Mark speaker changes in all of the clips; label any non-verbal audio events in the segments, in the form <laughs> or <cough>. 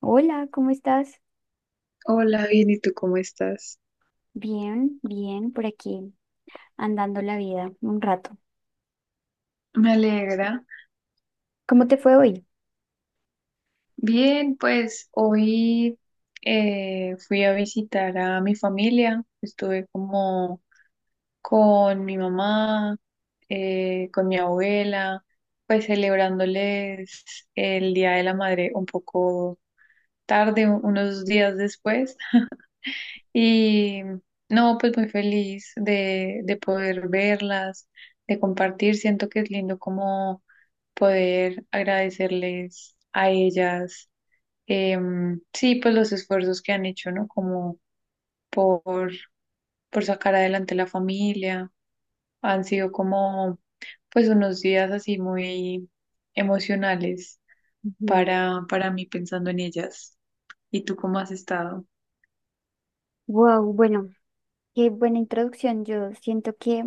Speaker 1: Hola, ¿cómo estás?
Speaker 2: Hola, bien, ¿y tú cómo estás?
Speaker 1: Bien, bien, por aquí, andando la vida un rato.
Speaker 2: Me alegra.
Speaker 1: ¿Cómo te fue hoy?
Speaker 2: Bien, pues hoy fui a visitar a mi familia. Estuve como con mi mamá, con mi abuela, pues celebrándoles el Día de la Madre un poco tarde, unos días después. Y no, pues muy feliz de poder verlas, de compartir. Siento que es lindo como poder agradecerles a ellas, sí, pues los esfuerzos que han hecho, ¿no? Como por, por sacar adelante la familia. Han sido como, pues, unos días así muy emocionales
Speaker 1: Ujú.
Speaker 2: para mí pensando en ellas. ¿Y tú cómo has estado?
Speaker 1: Wow, bueno, qué buena introducción. Yo siento que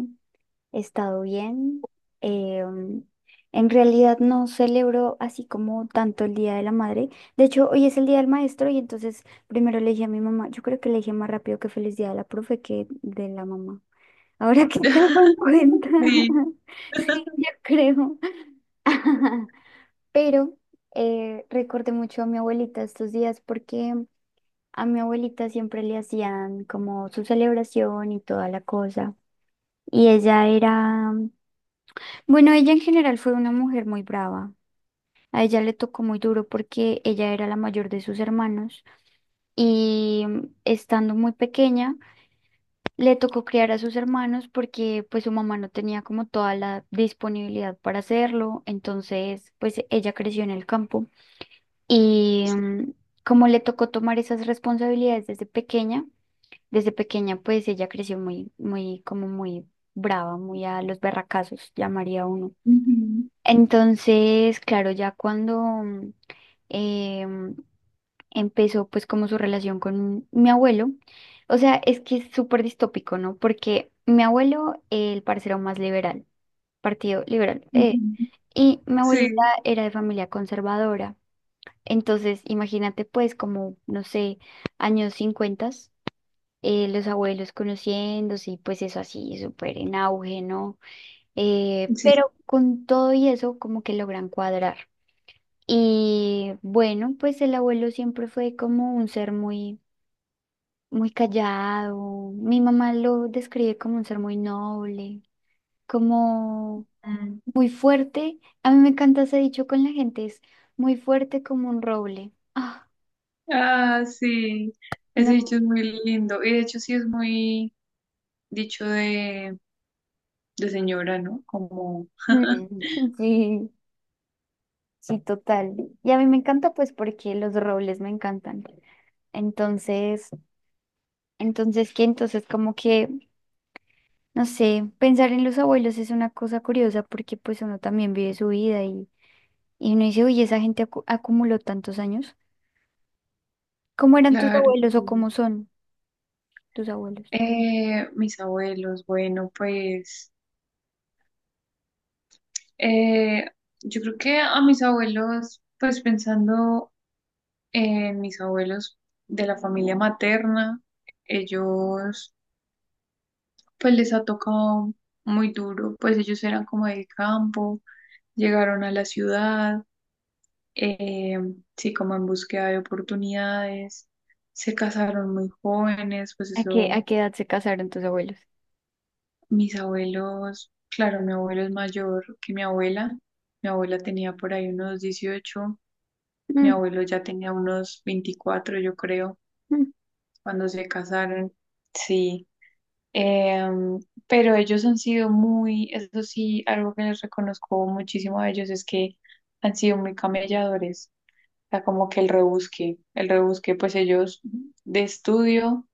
Speaker 1: he estado bien. Eh, um, en realidad no celebro así como tanto el Día de la Madre. De hecho, hoy es el Día del Maestro y entonces primero le dije a mi mamá, yo creo que le dije más rápido que feliz día de la profe que de la mamá. <laughs> Ahora que caigo en
Speaker 2: <laughs>
Speaker 1: cuenta.
Speaker 2: Sí.
Speaker 1: <laughs> Sí, yo creo. <laughs> Pero recordé mucho a mi abuelita estos días porque a mi abuelita siempre le hacían como su celebración y toda la cosa. Y ella era, bueno, ella en general fue una mujer muy brava. A ella le tocó muy duro porque ella era la mayor de sus hermanos y estando muy pequeña le tocó criar a sus hermanos porque pues su mamá no tenía como toda la disponibilidad para hacerlo. Entonces pues ella creció en el campo. Y mm, como le tocó tomar esas responsabilidades desde pequeña pues ella creció muy, muy, como muy brava, muy a los berracazos, llamaría uno.
Speaker 2: Ujú,
Speaker 1: Entonces, claro, ya cuando em, empezó pues como su relación con mi abuelo, o sea, es que es súper distópico, ¿no? Porque mi abuelo, el parcero más liberal, partido liberal,
Speaker 2: ujú.
Speaker 1: y mi abuelita
Speaker 2: Sí.
Speaker 1: era de familia conservadora. Entonces, imagínate pues como, no sé, años 50, los abuelos conociéndose y pues eso así, súper en auge, ¿no? Eh,
Speaker 2: Sí.
Speaker 1: pero con todo y eso como que logran cuadrar. Y bueno, pues el abuelo siempre fue como un ser muy, muy callado. Mi mamá lo describe como un ser muy noble, como
Speaker 2: Mm.
Speaker 1: muy fuerte. A mí me encanta ese dicho con la gente, es muy fuerte como un roble. Ah.
Speaker 2: Ah, sí. Ese
Speaker 1: No.
Speaker 2: dicho es muy lindo. Y de hecho sí es muy dicho de señora, ¿no? Como,
Speaker 1: <laughs> Mm, sí, sí, total. Y a mí me encanta pues porque los robles me encantan. Entonces, entonces que entonces como que, no sé, pensar en los abuelos es una cosa curiosa porque pues uno también vive su vida y, uno dice, oye, esa gente acumuló tantos años. ¿Cómo eran tus
Speaker 2: claro,
Speaker 1: abuelos o
Speaker 2: sí.
Speaker 1: cómo son tus abuelos?
Speaker 2: Mis abuelos, bueno, pues eh, yo creo que a mis abuelos, pues pensando en mis abuelos de la familia materna, ellos, pues les ha tocado muy duro, pues ellos eran como del campo, llegaron a la ciudad. Eh, sí, como en búsqueda de oportunidades. Se casaron muy jóvenes, pues
Speaker 1: ¿A qué,
Speaker 2: eso,
Speaker 1: a qué edad se casaron tus abuelos?
Speaker 2: mis abuelos, claro, mi abuelo es mayor que mi abuela. Mi abuela tenía por ahí unos 18,
Speaker 1: <laughs>
Speaker 2: mi
Speaker 1: Mm,
Speaker 2: abuelo ya tenía unos 24, yo creo,
Speaker 1: mm,
Speaker 2: cuando se casaron. Sí. Em, pero ellos han sido muy, eso sí, algo que les reconozco muchísimo a ellos es que han sido muy camelladores. Sea, como que el rebusque, pues ellos de estudio,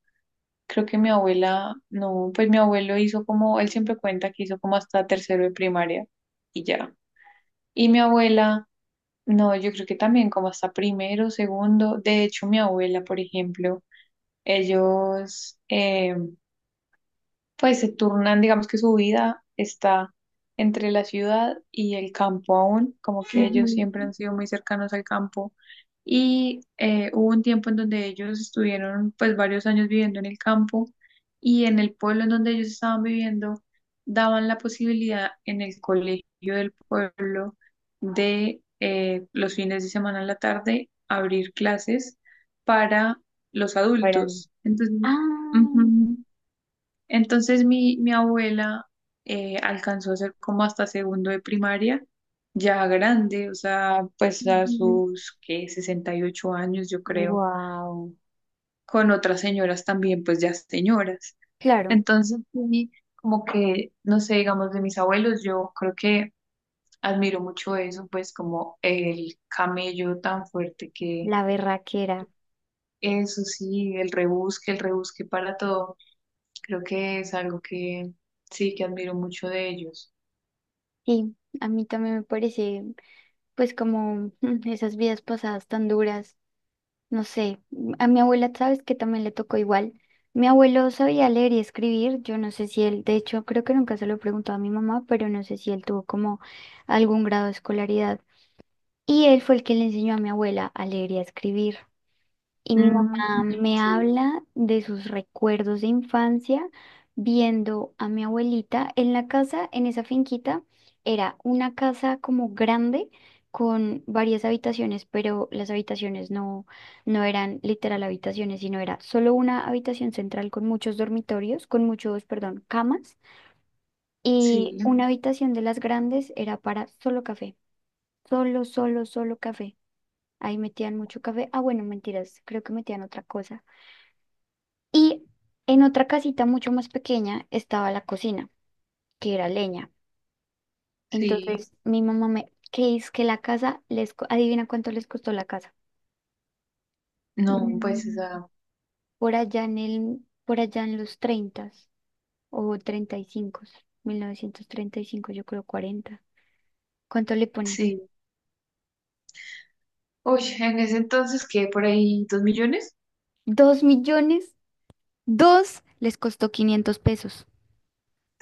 Speaker 2: creo que mi abuela, no, pues mi abuelo hizo como, él siempre cuenta que hizo como hasta tercero de primaria y ya. Y mi abuela, no, yo creo que también como hasta primero, segundo, de hecho mi abuela, por ejemplo, ellos, pues se turnan, digamos que su vida está entre la ciudad y el campo aún, como que ellos siempre
Speaker 1: ujú.
Speaker 2: han sido muy cercanos al campo. Y hubo un tiempo en donde ellos estuvieron pues varios años viviendo en el campo y en el pueblo en donde ellos estaban viviendo daban la posibilidad en el colegio del pueblo de los fines de semana en la tarde abrir clases para los
Speaker 1: Fueron.
Speaker 2: adultos. Entonces,
Speaker 1: Ah,
Speaker 2: ujú, entonces mi abuela alcanzó a ser como hasta segundo de primaria, ya grande, o sea, pues a sus, ¿qué? 68 años, yo creo,
Speaker 1: wow.
Speaker 2: con otras señoras también, pues ya señoras.
Speaker 1: Claro,
Speaker 2: Entonces, sí, como que, no sé, digamos, de mis abuelos, yo creo que admiro mucho eso, pues como el camello tan fuerte que
Speaker 1: la berraquera.
Speaker 2: eso sí, el rebusque para todo, creo que es algo que sí, que admiro mucho de ellos.
Speaker 1: Sí, a mí también me parece, pues como <laughs> esas vidas pasadas tan duras, no sé, a mi abuela, sabes que también le tocó igual. Mi abuelo sabía leer y escribir, yo no sé si él, de hecho creo que nunca se lo preguntó a mi mamá, pero no sé si él tuvo como algún grado de escolaridad. Y él fue el que le enseñó a mi abuela a leer y a escribir. Y mi
Speaker 2: Ujú,
Speaker 1: mamá me
Speaker 2: sí,
Speaker 1: habla de sus recuerdos de infancia viendo a mi abuelita en la casa, en esa finquita. Era una casa como grande con varias habitaciones, pero las habitaciones no, no eran literal habitaciones, sino era solo una habitación central con muchos dormitorios, con muchos, perdón, camas. Y
Speaker 2: sí,
Speaker 1: una habitación de las grandes era para solo café, solo, solo, solo café. Ahí metían mucho café. Ah, bueno, mentiras, creo que metían otra cosa. Y en otra casita mucho más pequeña estaba la cocina, que era leña.
Speaker 2: sí.
Speaker 1: Entonces mi mamá me, que es que la casa les, adivina cuánto les costó la casa.
Speaker 2: No, pues, o
Speaker 1: Mm,
Speaker 2: sea,
Speaker 1: por allá en los 30 o treinta y cinco, 1935, yo creo, 40. ¿Cuánto le pones?
Speaker 2: sí. Uy, en ese entonces, ¿qué? ¿Por ahí 2 millones?
Speaker 1: 2 millones, dos les costó 500 pesos.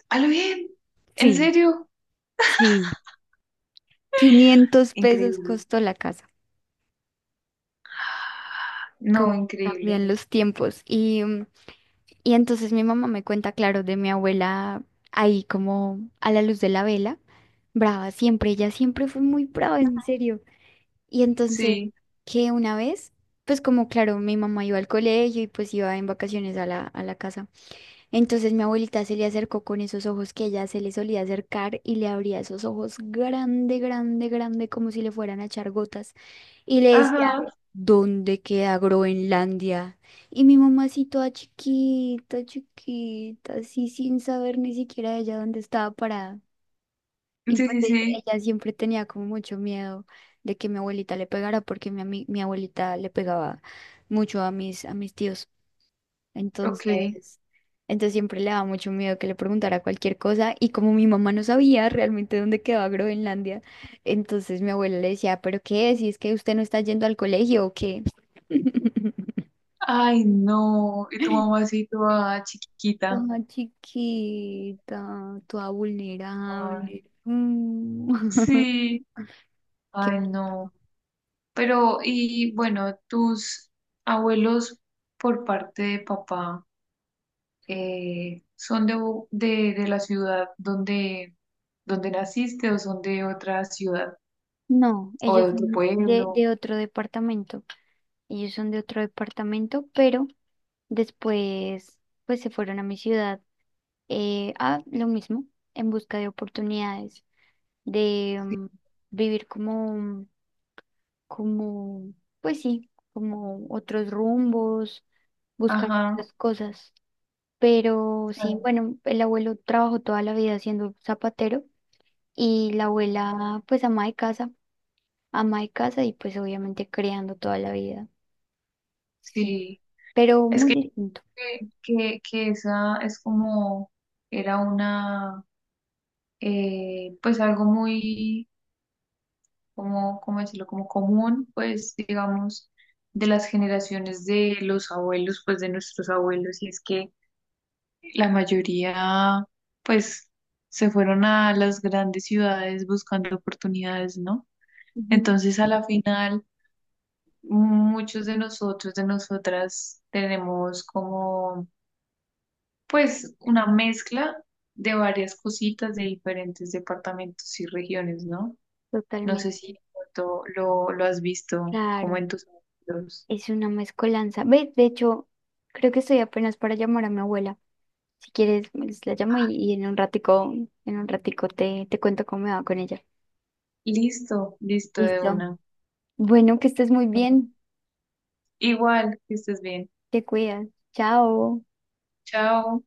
Speaker 2: ¡A lo bien! ¿En
Speaker 1: Sí,
Speaker 2: serio?
Speaker 1: sí. 500 pesos
Speaker 2: Increíble.
Speaker 1: costó la casa.
Speaker 2: No,
Speaker 1: Cómo
Speaker 2: increíble.
Speaker 1: cambian los tiempos. Y entonces mi mamá me cuenta, claro, de mi abuela ahí como a la luz de la vela, brava siempre, ella siempre fue muy brava, en serio. Y entonces
Speaker 2: Sí.
Speaker 1: que una vez, pues como claro, mi mamá iba al colegio y pues iba en vacaciones a la casa. Entonces mi abuelita se le acercó con esos ojos que ella se le solía acercar y le abría esos ojos grande, grande, grande, como si le fueran a echar gotas. Y le decía,
Speaker 2: Ajá.
Speaker 1: ¿dónde queda Groenlandia? Y mi mamá así toda chiquita, chiquita, así sin saber ni siquiera ella dónde estaba parada.
Speaker 2: Sí,
Speaker 1: Y pues
Speaker 2: sí, sí.
Speaker 1: ella siempre tenía como mucho miedo de que mi abuelita le pegara, porque mi abuelita le pegaba mucho a mis tíos.
Speaker 2: Ok.
Speaker 1: Entonces, entonces siempre le daba mucho miedo que le preguntara cualquier cosa y como mi mamá no sabía realmente dónde quedaba Groenlandia, entonces mi abuela le decía, ¿pero qué? Si es que usted no está yendo al colegio o qué. <laughs>
Speaker 2: Ay, no. Y tu mamacita ah, chiquita.
Speaker 1: Ah, chiquita, toda vulnerable.
Speaker 2: Ay,
Speaker 1: Mm. <laughs>
Speaker 2: sí.
Speaker 1: Qué-
Speaker 2: Ay, no. Pero, y bueno, tus abuelos por parte de papá, ¿son de, de la ciudad donde naciste o son de otra ciudad
Speaker 1: No,
Speaker 2: o
Speaker 1: ellos
Speaker 2: de otro
Speaker 1: son de,
Speaker 2: pueblo?
Speaker 1: de otro departamento. Ellos son de otro departamento, pero después pues se fueron a mi ciudad a lo mismo, en busca de oportunidades, de vivir como, como, pues sí, como otros rumbos, buscar
Speaker 2: Ajá,
Speaker 1: otras cosas. Pero sí,
Speaker 2: claro,
Speaker 1: bueno, el abuelo trabajó toda la vida siendo zapatero y la abuela, pues ama de casa y pues obviamente creando toda la vida, sí,
Speaker 2: sí.
Speaker 1: pero
Speaker 2: Es
Speaker 1: muy
Speaker 2: que,
Speaker 1: distinto.
Speaker 2: que, que que esa es como, era una, pues algo muy, como, ¿cómo decirlo? Como común, pues digamos, de las generaciones de los abuelos, pues de nuestros abuelos. Y es que la mayoría, pues, se fueron a las grandes ciudades buscando oportunidades, ¿no?
Speaker 1: Ujú.
Speaker 2: Entonces, a la final, muchos de nosotros, de nosotras, tenemos como, pues, una mezcla de varias cositas de diferentes departamentos y regiones, ¿no? No sé
Speaker 1: Totalmente,
Speaker 2: si de pronto lo has visto como
Speaker 1: claro.
Speaker 2: en tus amigos.
Speaker 1: Es una mezcolanza. Ve, de hecho, creo que estoy apenas para llamar a mi abuela. Si quieres, pues, la llamo y, en un ratico te cuento cómo me va con ella.
Speaker 2: Listo, listo de
Speaker 1: Listo.
Speaker 2: una.
Speaker 1: Bueno, que estés muy bien.
Speaker 2: Igual, que estés bien.
Speaker 1: Te cuidas. Chao.
Speaker 2: Chao.